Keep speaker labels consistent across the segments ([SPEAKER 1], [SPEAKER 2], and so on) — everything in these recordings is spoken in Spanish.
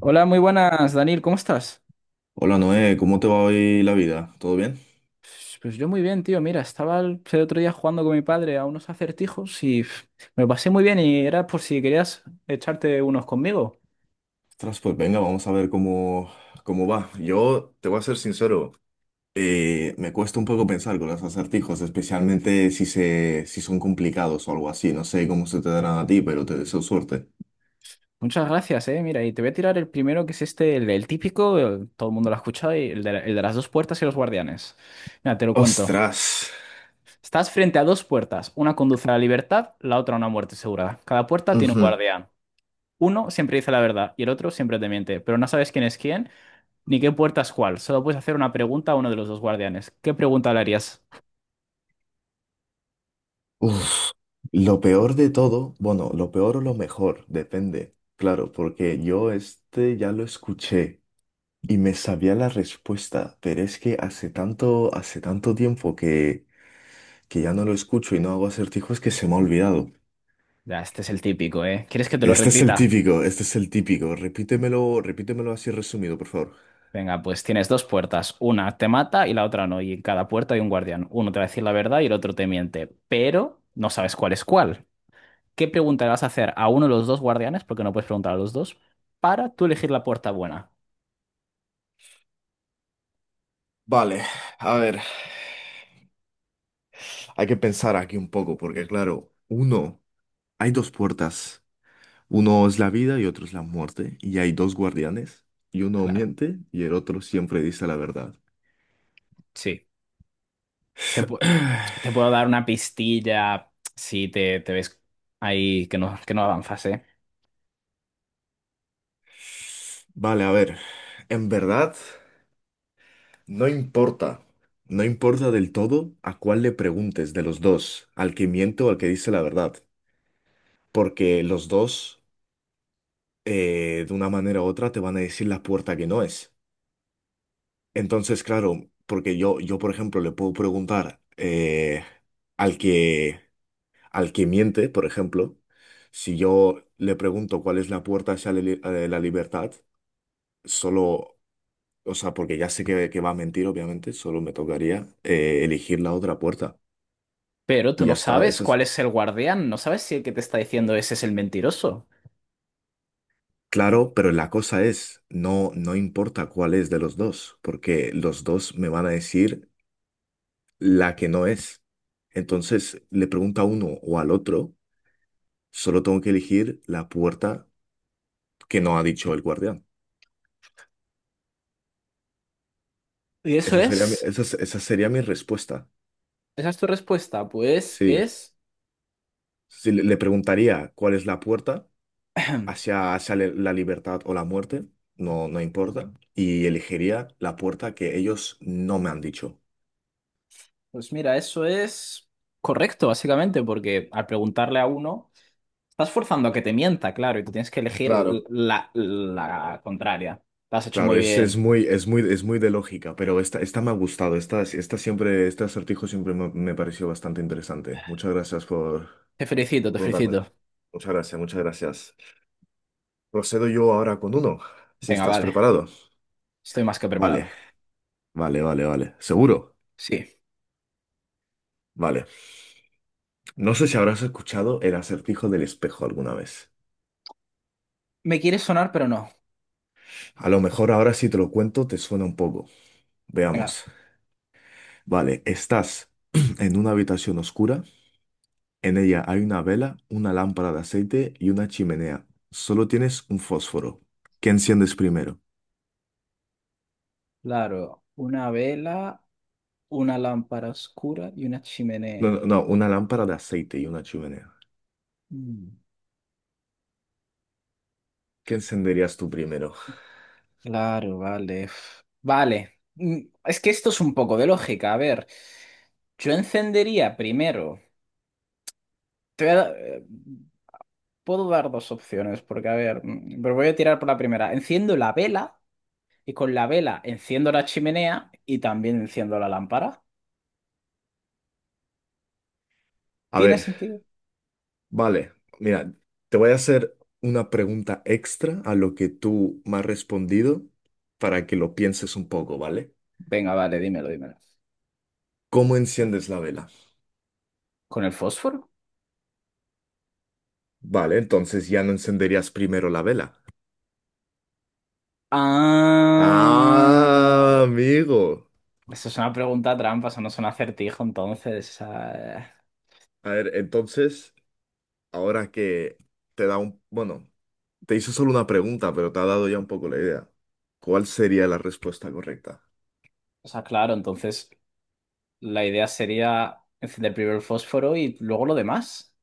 [SPEAKER 1] Hola, muy buenas, Daniel, ¿cómo estás?
[SPEAKER 2] Hola Noé, ¿cómo te va hoy la vida? ¿Todo bien?
[SPEAKER 1] Pues yo muy bien, tío. Mira, estaba el otro día jugando con mi padre a unos acertijos y pf, me lo pasé muy bien y era por si querías echarte unos conmigo.
[SPEAKER 2] Ostras, pues venga, vamos a ver cómo va. Yo te voy a ser sincero, me cuesta un poco pensar con los acertijos, especialmente si son complicados o algo así. No sé cómo se te darán a ti, pero te deseo suerte.
[SPEAKER 1] Muchas gracias, eh. Mira, y te voy a tirar el primero que es este, el típico, todo el mundo lo ha escuchado, y el de, el de las dos puertas y los guardianes. Mira, te lo cuento.
[SPEAKER 2] Ostras.
[SPEAKER 1] Estás frente a dos puertas. Una conduce a la libertad, la otra a una muerte segura. Cada puerta tiene un
[SPEAKER 2] Ujú.
[SPEAKER 1] guardián. Uno siempre dice la verdad y el otro siempre te miente, pero no sabes quién es quién ni qué puertas cuál. Solo puedes hacer una pregunta a uno de los dos guardianes. ¿Qué pregunta le harías?
[SPEAKER 2] Uf. Lo peor de todo, bueno, lo peor o lo mejor, depende. Claro, porque yo este ya lo escuché y me sabía la respuesta, pero es que hace tanto tiempo que ya no lo escucho y no hago acertijos que se me ha olvidado.
[SPEAKER 1] Ya, este es el típico, ¿eh? ¿Quieres que te lo
[SPEAKER 2] Este es el
[SPEAKER 1] repita?
[SPEAKER 2] típico, este es el típico. Repítemelo, repítemelo así resumido, por favor.
[SPEAKER 1] Venga, pues tienes dos puertas. Una te mata y la otra no. Y en cada puerta hay un guardián. Uno te va a decir la verdad y el otro te miente. Pero no sabes cuál es cuál. ¿Qué pregunta le vas a hacer a uno de los dos guardianes? Porque no puedes preguntar a los dos. Para tú elegir la puerta buena.
[SPEAKER 2] Vale, a ver, hay que pensar aquí un poco, porque claro, uno, hay dos puertas. Uno es la vida y otro es la muerte, y hay dos guardianes, y uno
[SPEAKER 1] Claro.
[SPEAKER 2] miente y el otro siempre dice la verdad.
[SPEAKER 1] Sí. Te, pu- Te puedo dar una pistilla si te ves ahí que que no avanzas, ¿eh?
[SPEAKER 2] Vale, a ver, en verdad, no importa, no importa del todo a cuál le preguntes de los dos, al que miente o al que dice la verdad. Porque los dos, de una manera u otra, te van a decir la puerta que no es. Entonces, claro, porque yo por ejemplo, le puedo preguntar al que, al que miente, por ejemplo, si yo le pregunto cuál es la puerta hacia la libertad, solo, o sea, porque ya sé que va a mentir, obviamente, solo me tocaría elegir la otra puerta.
[SPEAKER 1] Pero tú
[SPEAKER 2] Y
[SPEAKER 1] no
[SPEAKER 2] ya está,
[SPEAKER 1] sabes
[SPEAKER 2] eso
[SPEAKER 1] cuál
[SPEAKER 2] es.
[SPEAKER 1] es el guardián, no sabes si el que te está diciendo ese es el mentiroso.
[SPEAKER 2] Claro, pero la cosa es, no importa cuál es de los dos, porque los dos me van a decir la que no es. Entonces le pregunta a uno o al otro, solo tengo que elegir la puerta que no ha dicho el guardián.
[SPEAKER 1] Y eso es,
[SPEAKER 2] Esa sería mi respuesta.
[SPEAKER 1] esa es tu respuesta.
[SPEAKER 2] Sí. Si le, le preguntaría cuál es la puerta hacia la libertad o la muerte, no importa, y elegiría la puerta que ellos no me han dicho.
[SPEAKER 1] Pues mira, eso es correcto, básicamente, porque al preguntarle a uno, estás forzando a que te mienta, claro, y tú tienes que elegir
[SPEAKER 2] Claro.
[SPEAKER 1] la contraria. Lo has hecho muy
[SPEAKER 2] Claro,
[SPEAKER 1] bien.
[SPEAKER 2] es muy de lógica, pero esta me ha gustado. Este acertijo siempre me pareció bastante interesante. Muchas gracias
[SPEAKER 1] Te felicito,
[SPEAKER 2] por
[SPEAKER 1] te
[SPEAKER 2] preguntarme.
[SPEAKER 1] felicito.
[SPEAKER 2] Muchas gracias, muchas gracias. Procedo yo ahora con uno, si
[SPEAKER 1] Venga,
[SPEAKER 2] estás
[SPEAKER 1] vale,
[SPEAKER 2] preparado.
[SPEAKER 1] estoy más que
[SPEAKER 2] Vale,
[SPEAKER 1] preparado.
[SPEAKER 2] vale. ¿Seguro?
[SPEAKER 1] Sí.
[SPEAKER 2] Vale. No sé si habrás escuchado el acertijo del espejo alguna vez.
[SPEAKER 1] Me quieres sonar, pero no.
[SPEAKER 2] A lo mejor ahora si te lo cuento te suena un poco.
[SPEAKER 1] Venga,
[SPEAKER 2] Veamos. Vale, estás en una habitación oscura. En ella hay una vela, una lámpara de aceite y una chimenea. Solo tienes un fósforo. ¿Qué enciendes primero?
[SPEAKER 1] claro, una vela, una lámpara oscura y una
[SPEAKER 2] No, no,
[SPEAKER 1] chimenea.
[SPEAKER 2] no, una lámpara de aceite y una chimenea.
[SPEAKER 1] Mm.
[SPEAKER 2] ¿Qué encenderías tú primero?
[SPEAKER 1] Claro, vale. Uf. Vale. Es que esto es un poco de lógica. A ver, yo encendería primero. Te voy a da- Puedo dar dos opciones, porque a ver, pero voy a tirar por la primera. Enciendo la vela y con la vela enciendo la chimenea y también enciendo la lámpara.
[SPEAKER 2] A
[SPEAKER 1] ¿Tiene
[SPEAKER 2] ver.
[SPEAKER 1] sentido?
[SPEAKER 2] Vale, mira, te voy a hacer una pregunta extra a lo que tú me has respondido para que lo pienses un poco, ¿vale?
[SPEAKER 1] Venga, vale, dímelo, dímelo.
[SPEAKER 2] ¿Cómo enciendes la vela?
[SPEAKER 1] ¿Con el fósforo?
[SPEAKER 2] Vale, entonces ya no encenderías primero la vela.
[SPEAKER 1] Ah,
[SPEAKER 2] Ah, amigo.
[SPEAKER 1] eso es una pregunta trampa, eso no es un acertijo, entonces. Ah,
[SPEAKER 2] A ver, entonces, ahora que te da un... Bueno, te hice solo una pregunta, pero te ha dado ya un poco la idea. ¿Cuál sería la respuesta correcta?
[SPEAKER 1] o sea, claro, entonces. La idea sería encender primero el fósforo y luego lo demás.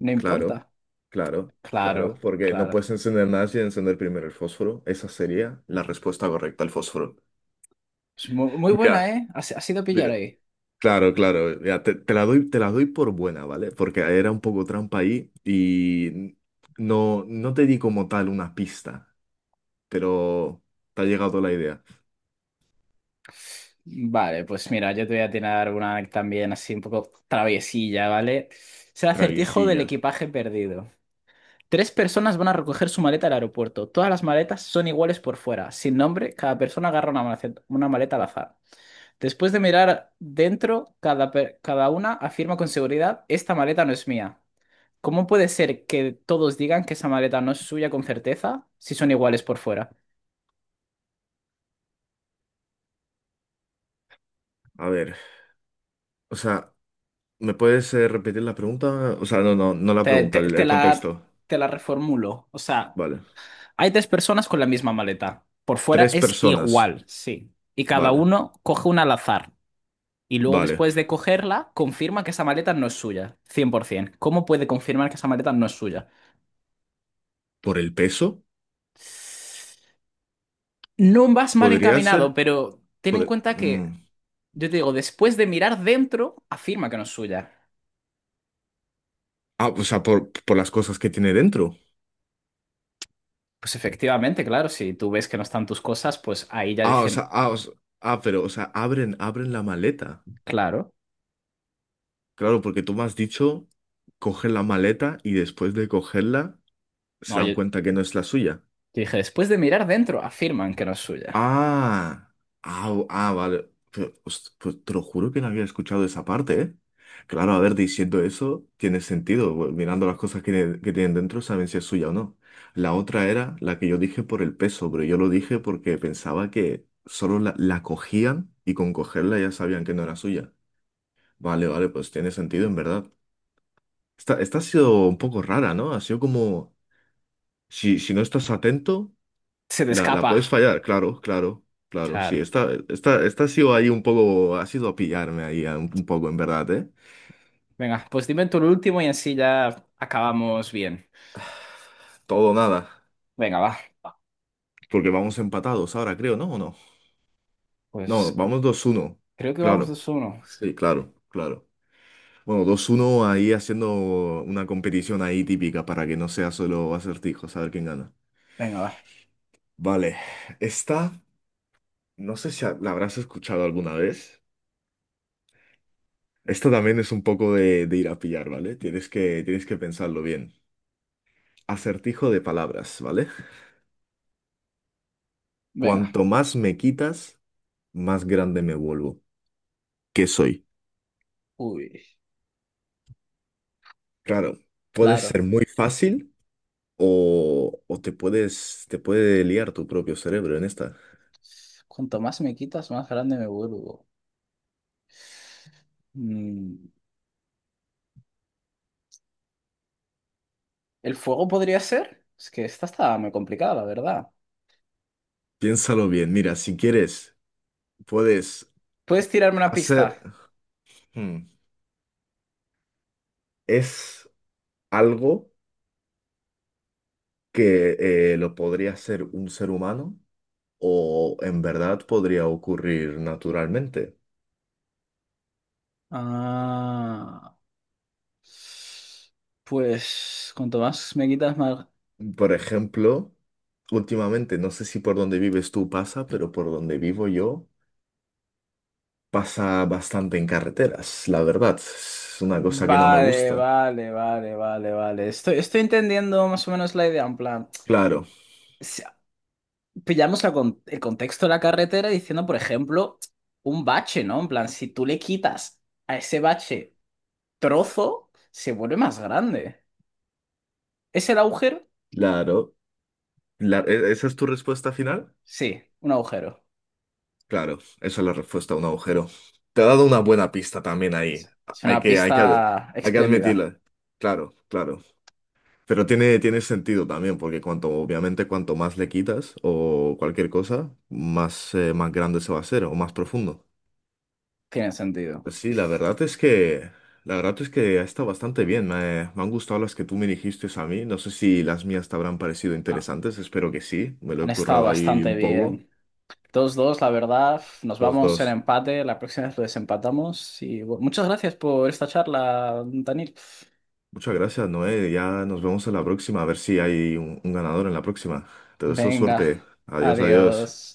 [SPEAKER 1] No
[SPEAKER 2] Claro,
[SPEAKER 1] importa.
[SPEAKER 2] claro, claro,
[SPEAKER 1] Claro,
[SPEAKER 2] porque no
[SPEAKER 1] claro.
[SPEAKER 2] puedes encender nada sin encender primero el fósforo. Esa sería la respuesta correcta al fósforo.
[SPEAKER 1] Es muy buena,
[SPEAKER 2] Mira,
[SPEAKER 1] ¿eh? Ha has ido pillar
[SPEAKER 2] mira.
[SPEAKER 1] ahí.
[SPEAKER 2] Claro, claro, ya te la doy por buena, ¿vale? Porque era un poco trampa ahí y no, no te di como tal una pista, pero te ha llegado la idea.
[SPEAKER 1] Vale, pues mira, yo te voy a tirar una también así un poco traviesilla, ¿vale? Es el acertijo del
[SPEAKER 2] Traviesilla.
[SPEAKER 1] equipaje perdido. Tres personas van a recoger su maleta al aeropuerto. Todas las maletas son iguales por fuera. Sin nombre, cada persona agarra una maleta al azar. Después de mirar dentro, cada una afirma con seguridad, esta maleta no es mía. ¿Cómo puede ser que todos digan que esa maleta no es suya con certeza si son iguales por fuera?
[SPEAKER 2] A ver, o sea, ¿me puedes repetir la pregunta? O sea, no, no, no la
[SPEAKER 1] Te,
[SPEAKER 2] pregunta,
[SPEAKER 1] te-
[SPEAKER 2] el
[SPEAKER 1] te
[SPEAKER 2] el
[SPEAKER 1] la,
[SPEAKER 2] contexto.
[SPEAKER 1] te la reformulo. O sea,
[SPEAKER 2] Vale.
[SPEAKER 1] hay tres personas con la misma maleta. Por fuera
[SPEAKER 2] Tres
[SPEAKER 1] es
[SPEAKER 2] personas.
[SPEAKER 1] igual, sí. Y cada
[SPEAKER 2] Vale,
[SPEAKER 1] uno coge una al azar. Y luego
[SPEAKER 2] vale.
[SPEAKER 1] después de cogerla, confirma que esa maleta no es suya. 100%. ¿Cómo puede confirmar que esa maleta no es suya?
[SPEAKER 2] ¿Por el peso?
[SPEAKER 1] No vas mal
[SPEAKER 2] Podría
[SPEAKER 1] encaminado,
[SPEAKER 2] ser.
[SPEAKER 1] pero ten en
[SPEAKER 2] Poder,
[SPEAKER 1] cuenta que,
[SPEAKER 2] mm.
[SPEAKER 1] yo te digo, después de mirar dentro, afirma que no es suya.
[SPEAKER 2] Ah, o sea, por las cosas que tiene dentro.
[SPEAKER 1] Pues efectivamente, claro, si tú ves que no están tus cosas, pues ahí ya
[SPEAKER 2] Ah, o sea,
[SPEAKER 1] dicen,
[SPEAKER 2] ah, o sea, ah, pero, o sea, abren, abren la maleta.
[SPEAKER 1] claro.
[SPEAKER 2] Claro, porque tú me has dicho coger la maleta y después de cogerla se
[SPEAKER 1] No,
[SPEAKER 2] dan
[SPEAKER 1] yo
[SPEAKER 2] cuenta que no es la suya.
[SPEAKER 1] dije, después de mirar dentro, afirman que no es suya.
[SPEAKER 2] Ah, ah, o- ah, vale. Pero, host- pues te lo juro que no había escuchado esa parte, ¿eh? Claro, a ver, diciendo eso, tiene sentido. Bu- mirando las cosas que tienen dentro, saben si es suya o no. La otra era la que yo dije por el peso, pero yo lo dije porque pensaba que solo la cogían y con cogerla ya sabían que no era suya. Vale, vale, pues tiene sentido en verdad. Esta ha sido un poco rara, ¿no? Ha sido como, si, si no estás atento...
[SPEAKER 1] Se te
[SPEAKER 2] La
[SPEAKER 1] escapa.
[SPEAKER 2] puedes fallar, claro, claro, claro. Sí,
[SPEAKER 1] Claro.
[SPEAKER 2] esta ha sido ahí un poco, ha sido a pillarme ahí a un poco, en verdad, ¿eh?
[SPEAKER 1] Venga, pues dime tú el último y así ya acabamos bien.
[SPEAKER 2] Todo o nada.
[SPEAKER 1] Venga, va.
[SPEAKER 2] Porque vamos empatados ahora, creo, ¿no? ¿O no? No,
[SPEAKER 1] Pues
[SPEAKER 2] vamos 2-1.
[SPEAKER 1] creo que vamos
[SPEAKER 2] Claro.
[SPEAKER 1] dos uno.
[SPEAKER 2] Sí, claro, claro. Bueno, 2-1 ahí haciendo una competición ahí típica para que no sea solo acertijos, a ver quién gana.
[SPEAKER 1] Venga, va.
[SPEAKER 2] Vale, esta, no sé si la habrás escuchado alguna vez. Esta también es un poco de ir a pillar, ¿vale? Tienes que pensarlo bien. Acertijo de palabras, ¿vale?
[SPEAKER 1] Venga.
[SPEAKER 2] Cuanto más me quitas, más grande me vuelvo. ¿Qué soy?
[SPEAKER 1] Uy,
[SPEAKER 2] Claro, puede
[SPEAKER 1] claro.
[SPEAKER 2] ser muy fácil o te puedes, te puede liar tu propio cerebro en esta.
[SPEAKER 1] Cuanto más me quitas, más grande me vuelvo. Mm, ¿el fuego podría ser? Es que esta está muy complicada, la verdad.
[SPEAKER 2] Piénsalo bien. Mira, si quieres, puedes
[SPEAKER 1] ¿Puedes tirarme una
[SPEAKER 2] hacer...
[SPEAKER 1] pista?
[SPEAKER 2] Hmm. Es algo que lo podría hacer un ser humano o en verdad podría ocurrir naturalmente.
[SPEAKER 1] Ah. Pues cuanto más me quitas, más...
[SPEAKER 2] Por ejemplo, últimamente, no sé si por donde vives tú pasa, pero por donde vivo yo pasa bastante en carreteras, la verdad. Es una cosa que no me
[SPEAKER 1] Vale,
[SPEAKER 2] gusta.
[SPEAKER 1] vale, vale, vale, vale. Estoy entendiendo más o menos la idea. En plan,
[SPEAKER 2] Claro,
[SPEAKER 1] si- pillamos la el contexto de la carretera diciendo, por ejemplo, un bache, ¿no? En plan, si tú le quitas a ese bache trozo, se vuelve más grande. ¿Es el agujero?
[SPEAKER 2] claro. ¿Esa es tu respuesta final?
[SPEAKER 1] Sí, un agujero.
[SPEAKER 2] Claro, esa es la respuesta a un agujero. Te ha dado una buena pista también ahí.
[SPEAKER 1] Es
[SPEAKER 2] Hay
[SPEAKER 1] una
[SPEAKER 2] que, hay que, ad-
[SPEAKER 1] pista
[SPEAKER 2] hay que
[SPEAKER 1] espléndida.
[SPEAKER 2] admitirla. Claro, claro. Pero tiene sentido también, porque cuanto, obviamente, cuanto más le quitas o cualquier cosa, más, más grande se va a hacer o más profundo.
[SPEAKER 1] Tiene sentido.
[SPEAKER 2] Pues sí, la verdad es que ha estado bastante bien. Me han gustado las que tú me dijiste a mí. No sé si las mías te habrán parecido
[SPEAKER 1] Ah,
[SPEAKER 2] interesantes. Espero que sí. Me lo
[SPEAKER 1] han
[SPEAKER 2] he
[SPEAKER 1] estado
[SPEAKER 2] currado ahí
[SPEAKER 1] bastante
[SPEAKER 2] un poco.
[SPEAKER 1] bien. Dos dos la verdad. Nos
[SPEAKER 2] Los
[SPEAKER 1] vamos en
[SPEAKER 2] dos.
[SPEAKER 1] empate. La próxima vez lo desempatamos. Y bueno, muchas gracias por esta charla, Daniel.
[SPEAKER 2] Muchas gracias, Noé. Ya nos vemos en la próxima. A ver si hay un ganador en la próxima. Te deseo
[SPEAKER 1] Venga,
[SPEAKER 2] suerte. Adiós, adiós.
[SPEAKER 1] adiós.